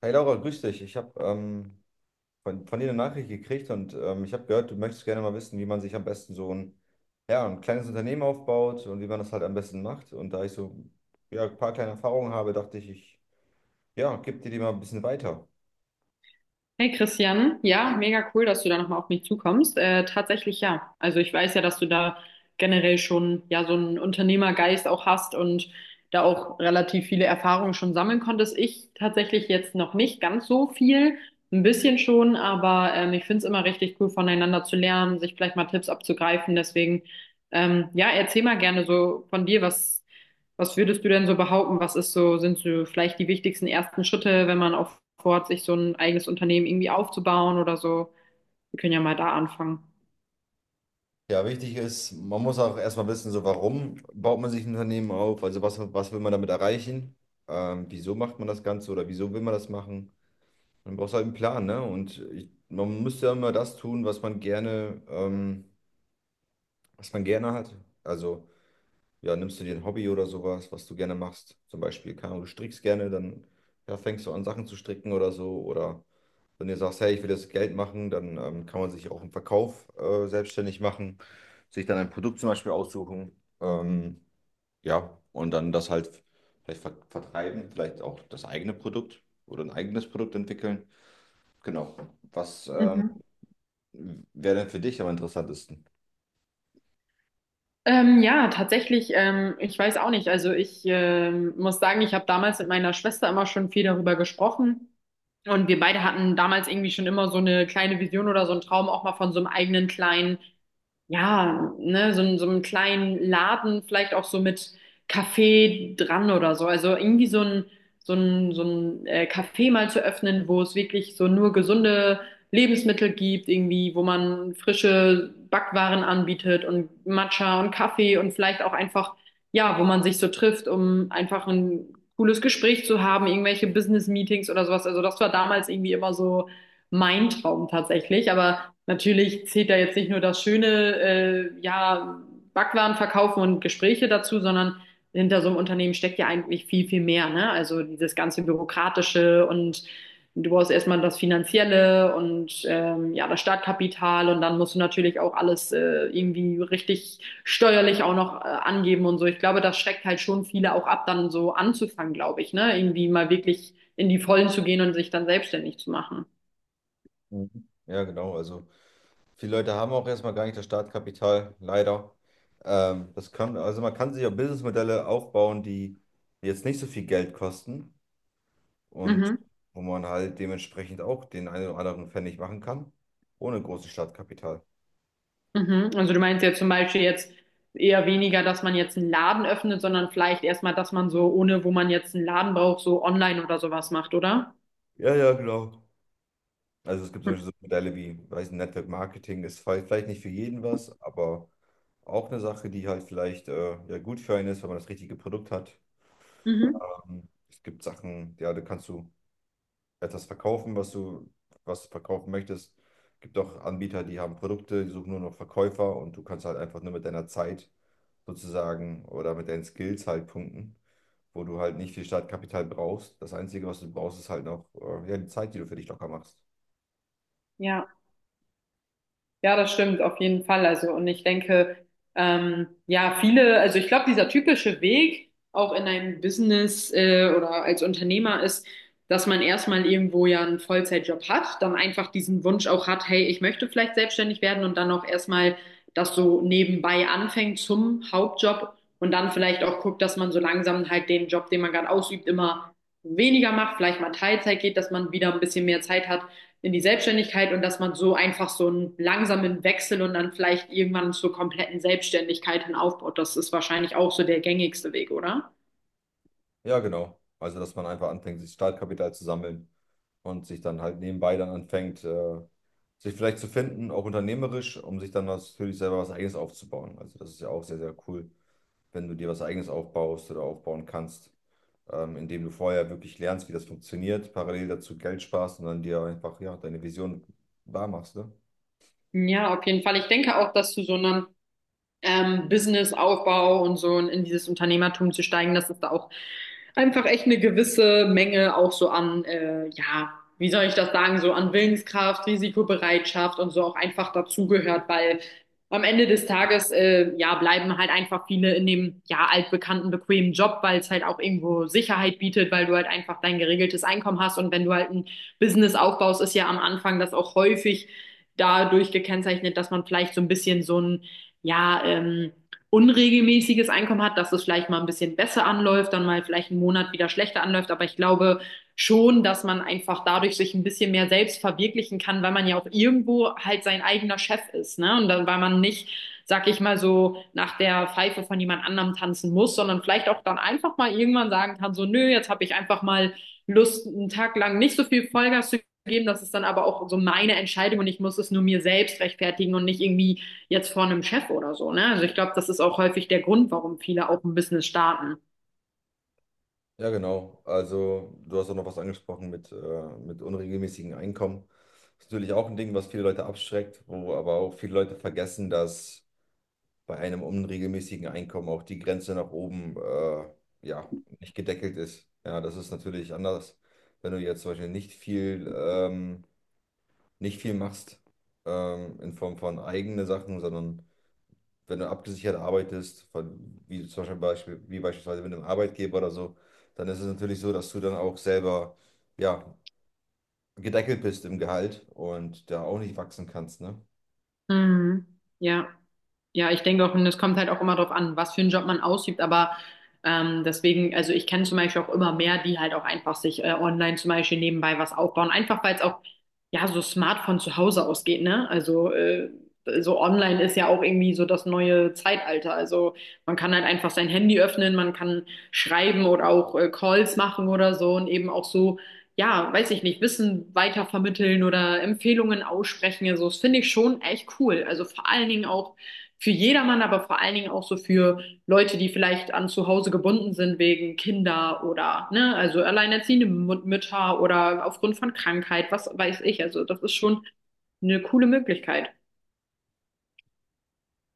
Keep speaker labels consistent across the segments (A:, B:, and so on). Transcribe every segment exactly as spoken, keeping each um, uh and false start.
A: Hey Laura, grüß dich. Ich habe ähm, von, von dir eine Nachricht gekriegt und ähm, ich habe gehört, du möchtest gerne mal wissen, wie man sich am besten so ein, ja, ein kleines Unternehmen aufbaut und wie man das halt am besten macht. Und da ich so ja, ein paar kleine Erfahrungen habe, dachte ich, ich ja, gebe dir die mal ein bisschen weiter.
B: Hey Christian, ja, mega cool, dass du da nochmal auf mich zukommst. Äh, tatsächlich ja. Also ich weiß ja, dass du da generell schon ja so einen Unternehmergeist auch hast und da auch relativ viele Erfahrungen schon sammeln konntest. Ich tatsächlich jetzt noch nicht ganz so viel, ein bisschen schon, aber ähm, ich finde es immer richtig cool, voneinander zu lernen, sich vielleicht mal Tipps abzugreifen. Deswegen, ähm, ja, erzähl mal gerne so von dir, was was würdest du denn so behaupten? Was ist so, sind so vielleicht die wichtigsten ersten Schritte, wenn man auch vorhat, sich so ein eigenes Unternehmen irgendwie aufzubauen oder so? Wir können ja mal da anfangen.
A: Ja, wichtig ist, man muss auch erstmal wissen, so warum baut man sich ein Unternehmen auf, also was, was will man damit erreichen, ähm, wieso macht man das Ganze oder wieso will man das machen. Man braucht halt einen Plan, ne? Und ich, man müsste ja immer das tun, was man gerne... Ähm, was man gerne hat. Also, ja, nimmst du dir ein Hobby oder sowas, was du gerne machst. Zum Beispiel, keine Ahnung, du strickst gerne, dann ja, fängst du an, Sachen zu stricken oder so. Oder wenn du sagst, hey, ich will das Geld machen, dann ähm, kann man sich auch im Verkauf äh, selbstständig machen, sich dann ein Produkt zum Beispiel aussuchen. Ähm, ja, und dann das halt vielleicht ver vertreiben, vielleicht auch das eigene Produkt oder ein eigenes Produkt entwickeln. Genau. Was ähm,
B: Mhm.
A: wäre denn für dich am interessantesten?
B: Ähm, ja, tatsächlich, ähm, ich weiß auch nicht. Also ich ähm, muss sagen, ich habe damals mit meiner Schwester immer schon viel darüber gesprochen. Und wir beide hatten damals irgendwie schon immer so eine kleine Vision oder so einen Traum auch mal von so einem eigenen kleinen ja, ne, so, in so einem kleinen Laden, vielleicht auch so mit Kaffee dran oder so. Also irgendwie so ein, so ein, so ein äh, Café mal zu öffnen, wo es wirklich so nur gesunde Lebensmittel gibt, irgendwie, wo man frische Backwaren anbietet und Matcha und Kaffee und vielleicht auch einfach, ja, wo man sich so trifft, um einfach ein cooles Gespräch zu haben, irgendwelche Business-Meetings oder sowas. Also das war damals irgendwie immer so mein Traum tatsächlich, aber natürlich zählt da jetzt nicht nur das schöne, äh, ja, Backwaren verkaufen und Gespräche dazu, sondern hinter so einem Unternehmen steckt ja eigentlich viel, viel mehr, ne? Also dieses ganze Bürokratische und du brauchst erstmal das Finanzielle und ähm, ja, das Startkapital und dann musst du natürlich auch alles äh, irgendwie richtig steuerlich auch noch äh, angeben und so. Ich glaube, das schreckt halt schon viele auch ab, dann so anzufangen, glaube ich, ne? Irgendwie mal wirklich in die Vollen zu gehen und sich dann selbstständig zu machen.
A: Mhm. Ja, genau. Also. Viele Leute haben auch erstmal gar nicht das Startkapital, leider. Ähm, das kann, also man kann sich auch Businessmodelle aufbauen, die jetzt nicht so viel Geld kosten, und
B: Mhm.
A: wo man halt dementsprechend auch den einen oder anderen Pfennig machen kann, ohne großes Startkapital.
B: Mhm. Also du meinst ja zum Beispiel jetzt eher weniger, dass man jetzt einen Laden öffnet, sondern vielleicht erstmal, dass man so, ohne wo man jetzt einen Laden braucht, so online oder sowas macht, oder?
A: Ja, ja, genau. Also es gibt solche so Modelle wie, weiß nicht, Network Marketing ist vielleicht vielleicht nicht für jeden was, aber auch eine Sache, die halt vielleicht äh, ja, gut für einen ist, wenn man das richtige Produkt hat.
B: Mhm.
A: Ähm, es gibt Sachen, ja, da kannst du etwas verkaufen, was du, was du verkaufen möchtest. Gibt auch Anbieter, die haben Produkte, die suchen nur noch Verkäufer, und du kannst halt einfach nur mit deiner Zeit sozusagen oder mit deinen Skills halt punkten, wo du halt nicht viel Startkapital brauchst. Das Einzige, was du brauchst, ist halt noch äh, ja, die Zeit, die du für dich locker machst.
B: Ja. Ja, das stimmt, auf jeden Fall. Also, und ich denke, ähm, ja, viele, also ich glaube, dieser typische Weg auch in einem Business äh, oder als Unternehmer ist, dass man erstmal irgendwo ja einen Vollzeitjob hat, dann einfach diesen Wunsch auch hat, hey, ich möchte vielleicht selbstständig werden und dann auch erstmal das so nebenbei anfängt zum Hauptjob und dann vielleicht auch guckt, dass man so langsam halt den Job, den man gerade ausübt, immer weniger macht, vielleicht mal Teilzeit geht, dass man wieder ein bisschen mehr Zeit hat in die Selbstständigkeit und dass man so einfach so einen langsamen Wechsel und dann vielleicht irgendwann zur kompletten Selbstständigkeit hin aufbaut. Das ist wahrscheinlich auch so der gängigste Weg, oder?
A: Ja, genau. Also, dass man einfach anfängt, sich Startkapital zu sammeln und sich dann halt nebenbei dann anfängt, äh, sich vielleicht zu finden, auch unternehmerisch, um sich dann was, für sich selber was Eigenes aufzubauen. Also, das ist ja auch sehr, sehr cool, wenn du dir was Eigenes aufbaust oder aufbauen kannst, ähm, indem du vorher wirklich lernst, wie das funktioniert, parallel dazu Geld sparst und dann dir einfach ja, deine Vision wahr machst, ne?
B: Ja, auf jeden Fall. Ich denke auch, dass zu so einem ähm, Businessaufbau und so und in dieses Unternehmertum zu steigen, dass es da auch einfach echt eine gewisse Menge auch so an, äh, ja, wie soll ich das sagen, so an Willenskraft, Risikobereitschaft und so auch einfach dazugehört, weil am Ende des Tages, äh, ja, bleiben halt einfach viele in dem, ja, altbekannten, bequemen Job, weil es halt auch irgendwo Sicherheit bietet, weil du halt einfach dein geregeltes Einkommen hast und wenn du halt ein Business aufbaust, ist ja am Anfang das auch häufig dadurch gekennzeichnet, dass man vielleicht so ein bisschen so ein ja, ähm, unregelmäßiges Einkommen hat, dass es vielleicht mal ein bisschen besser anläuft, dann mal vielleicht einen Monat wieder schlechter anläuft. Aber ich glaube schon, dass man einfach dadurch sich ein bisschen mehr selbst verwirklichen kann, weil man ja auch irgendwo halt sein eigener Chef ist, ne? Und dann, weil man nicht, sag ich mal so, nach der Pfeife von jemand anderem tanzen muss, sondern vielleicht auch dann einfach mal irgendwann sagen kann, so, nö, jetzt habe ich einfach mal Lust, einen Tag lang nicht so viel Vollgas zu geben. Das ist dann aber auch so meine Entscheidung und ich muss es nur mir selbst rechtfertigen und nicht irgendwie jetzt vor einem Chef oder so, ne? Also ich glaube, das ist auch häufig der Grund, warum viele auch ein Business starten.
A: Ja, genau. Also, du hast auch noch was angesprochen mit, äh, mit unregelmäßigen Einkommen. Das ist natürlich auch ein Ding, was viele Leute abschreckt, wo aber auch viele Leute vergessen, dass bei einem unregelmäßigen Einkommen auch die Grenze nach oben äh, ja, nicht gedeckelt ist. Ja, das ist natürlich anders, wenn du jetzt zum Beispiel nicht viel ähm, nicht viel machst ähm, in Form von eigene Sachen, sondern wenn du abgesichert arbeitest, von, wie zum Beispiel, Beispiel- wie beispielsweise mit einem Arbeitgeber oder so, dann ist es natürlich so, dass du dann auch selber ja, gedeckelt bist im Gehalt und da auch nicht wachsen kannst, ne?
B: Mhm. Ja. Ja, ich denke auch, und es kommt halt auch immer darauf an, was für einen Job man ausübt, aber ähm, deswegen, also ich kenne zum Beispiel auch immer mehr, die halt auch einfach sich äh, online zum Beispiel nebenbei was aufbauen, einfach weil es auch ja so smart von zu Hause aus geht, ne? Also äh, so online ist ja auch irgendwie so das neue Zeitalter. Also man kann halt einfach sein Handy öffnen, man kann schreiben oder auch äh, Calls machen oder so und eben auch so, ja, weiß ich nicht, Wissen weitervermitteln oder Empfehlungen aussprechen. Also das finde ich schon echt cool. Also vor allen Dingen auch für jedermann, aber vor allen Dingen auch so für Leute, die vielleicht an zu Hause gebunden sind wegen Kinder oder, ne, also alleinerziehende Mü- Mütter oder aufgrund von Krankheit, was weiß ich. Also das ist schon eine coole Möglichkeit.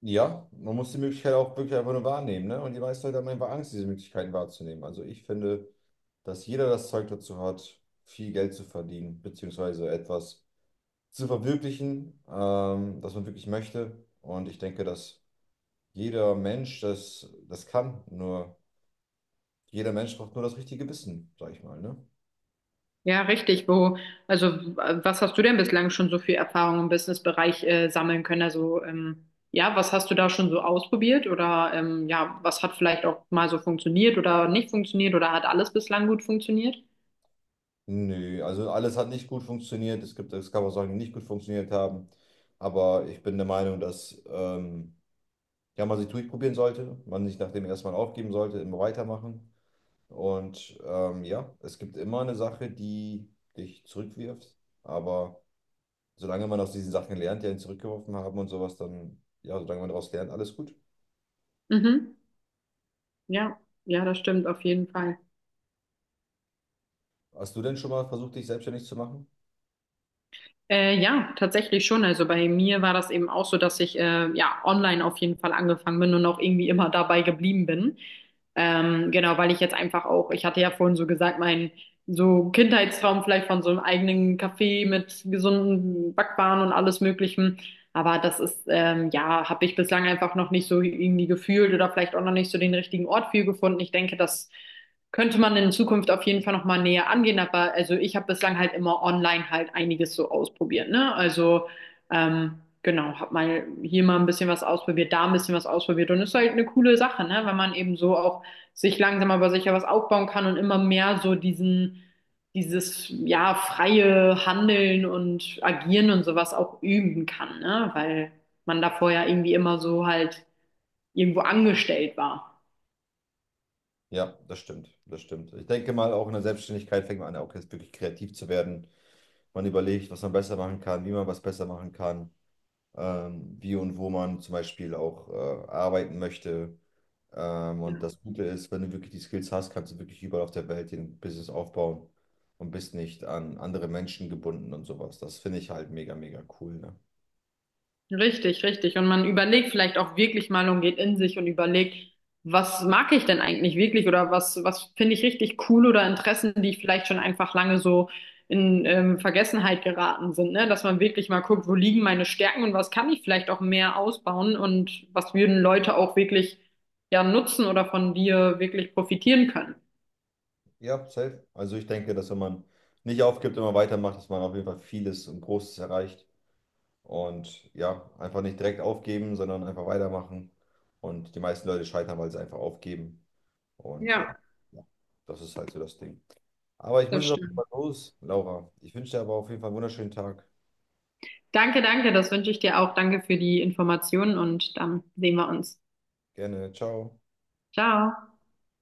A: Ja, man muss die Möglichkeit auch wirklich einfach nur wahrnehmen, ne? Und die meisten Leute haben einfach Angst, diese Möglichkeiten wahrzunehmen. Also ich finde, dass jeder das Zeug dazu hat, viel Geld zu verdienen, beziehungsweise etwas zu verwirklichen, ähm, das man wirklich möchte. Und ich denke, dass jeder Mensch das, das kann. Nur jeder Mensch braucht nur das richtige Wissen, sag ich mal, ne?
B: Ja, richtig. Wo, also w- was hast du denn bislang schon so viel Erfahrung im Businessbereich äh, sammeln können? Also ähm, ja, was hast du da schon so ausprobiert oder ähm, ja, was hat vielleicht auch mal so funktioniert oder nicht funktioniert oder hat alles bislang gut funktioniert?
A: Nö, also alles hat nicht gut funktioniert. Es gibt, es gab auch Sachen, die nicht gut funktioniert haben. Aber ich bin der Meinung, dass ähm, ja, man sich durchprobieren sollte, man nicht nach dem ersten Mal aufgeben sollte, immer weitermachen. Und ähm, ja, es gibt immer eine Sache, die dich zurückwirft. Aber solange man aus diesen Sachen lernt, die einen zurückgeworfen haben und sowas, dann, ja, solange man daraus lernt, alles gut.
B: Mhm. Ja, ja, das stimmt auf jeden Fall.
A: Hast du denn schon mal versucht, dich selbstständig zu machen?
B: Äh, ja, tatsächlich schon. Also bei mir war das eben auch so, dass ich äh, ja online auf jeden Fall angefangen bin und auch irgendwie immer dabei geblieben bin. Ähm, genau, weil ich jetzt einfach auch, ich hatte ja vorhin so gesagt, mein so Kindheitstraum vielleicht von so einem eigenen Café mit gesunden Backwaren und alles Möglichen. Aber das ist, ähm, ja, habe ich bislang einfach noch nicht so irgendwie gefühlt oder vielleicht auch noch nicht so den richtigen Ort für gefunden. Ich denke, dass könnte man in Zukunft auf jeden Fall nochmal näher angehen, aber also ich habe bislang halt immer online halt einiges so ausprobiert, ne? Also ähm, genau, habe mal hier mal ein bisschen was ausprobiert, da ein bisschen was ausprobiert und ist halt eine coole Sache, ne? Wenn man eben so auch sich langsam aber sicher was aufbauen kann und immer mehr so diesen, dieses ja freie Handeln und Agieren und sowas auch üben kann, ne? Weil man davor ja irgendwie immer so halt irgendwo angestellt war.
A: Ja, das stimmt, das stimmt. Ich denke mal, auch in der Selbstständigkeit fängt man an, auch jetzt wirklich kreativ zu werden. Man überlegt, was man besser machen kann, wie man was besser machen kann, ähm, wie und wo man zum Beispiel auch äh, arbeiten möchte. Ähm, und das Gute ist, wenn du wirklich die Skills hast, kannst du wirklich überall auf der Welt ein Business aufbauen und bist nicht an andere Menschen gebunden und sowas. Das finde ich halt mega, mega cool, ne?
B: Richtig, richtig. Und man überlegt vielleicht auch wirklich mal und geht in sich und überlegt, was mag ich denn eigentlich wirklich oder was, was finde ich richtig cool oder Interessen, die vielleicht schon einfach lange so in ähm, Vergessenheit geraten sind, ne? Dass man wirklich mal guckt, wo liegen meine Stärken und was kann ich vielleicht auch mehr ausbauen und was würden Leute auch wirklich ja nutzen oder von dir wirklich profitieren können.
A: Ja, safe. Also ich denke, dass wenn man nicht aufgibt, immer weitermacht, dass man auf jeden Fall vieles und Großes erreicht. Und ja, einfach nicht direkt aufgeben, sondern einfach weitermachen. Und die meisten Leute scheitern, weil sie einfach aufgeben. Und äh,
B: Ja,
A: ja, das ist halt so das Ding. Aber ich muss
B: das
A: jetzt auf jeden Fall
B: stimmt.
A: los, Laura. Ich wünsche dir aber auf jeden Fall einen wunderschönen Tag.
B: Danke, danke, das wünsche ich dir auch. Danke für die Informationen und dann sehen wir uns.
A: Gerne. Ciao.
B: Ciao.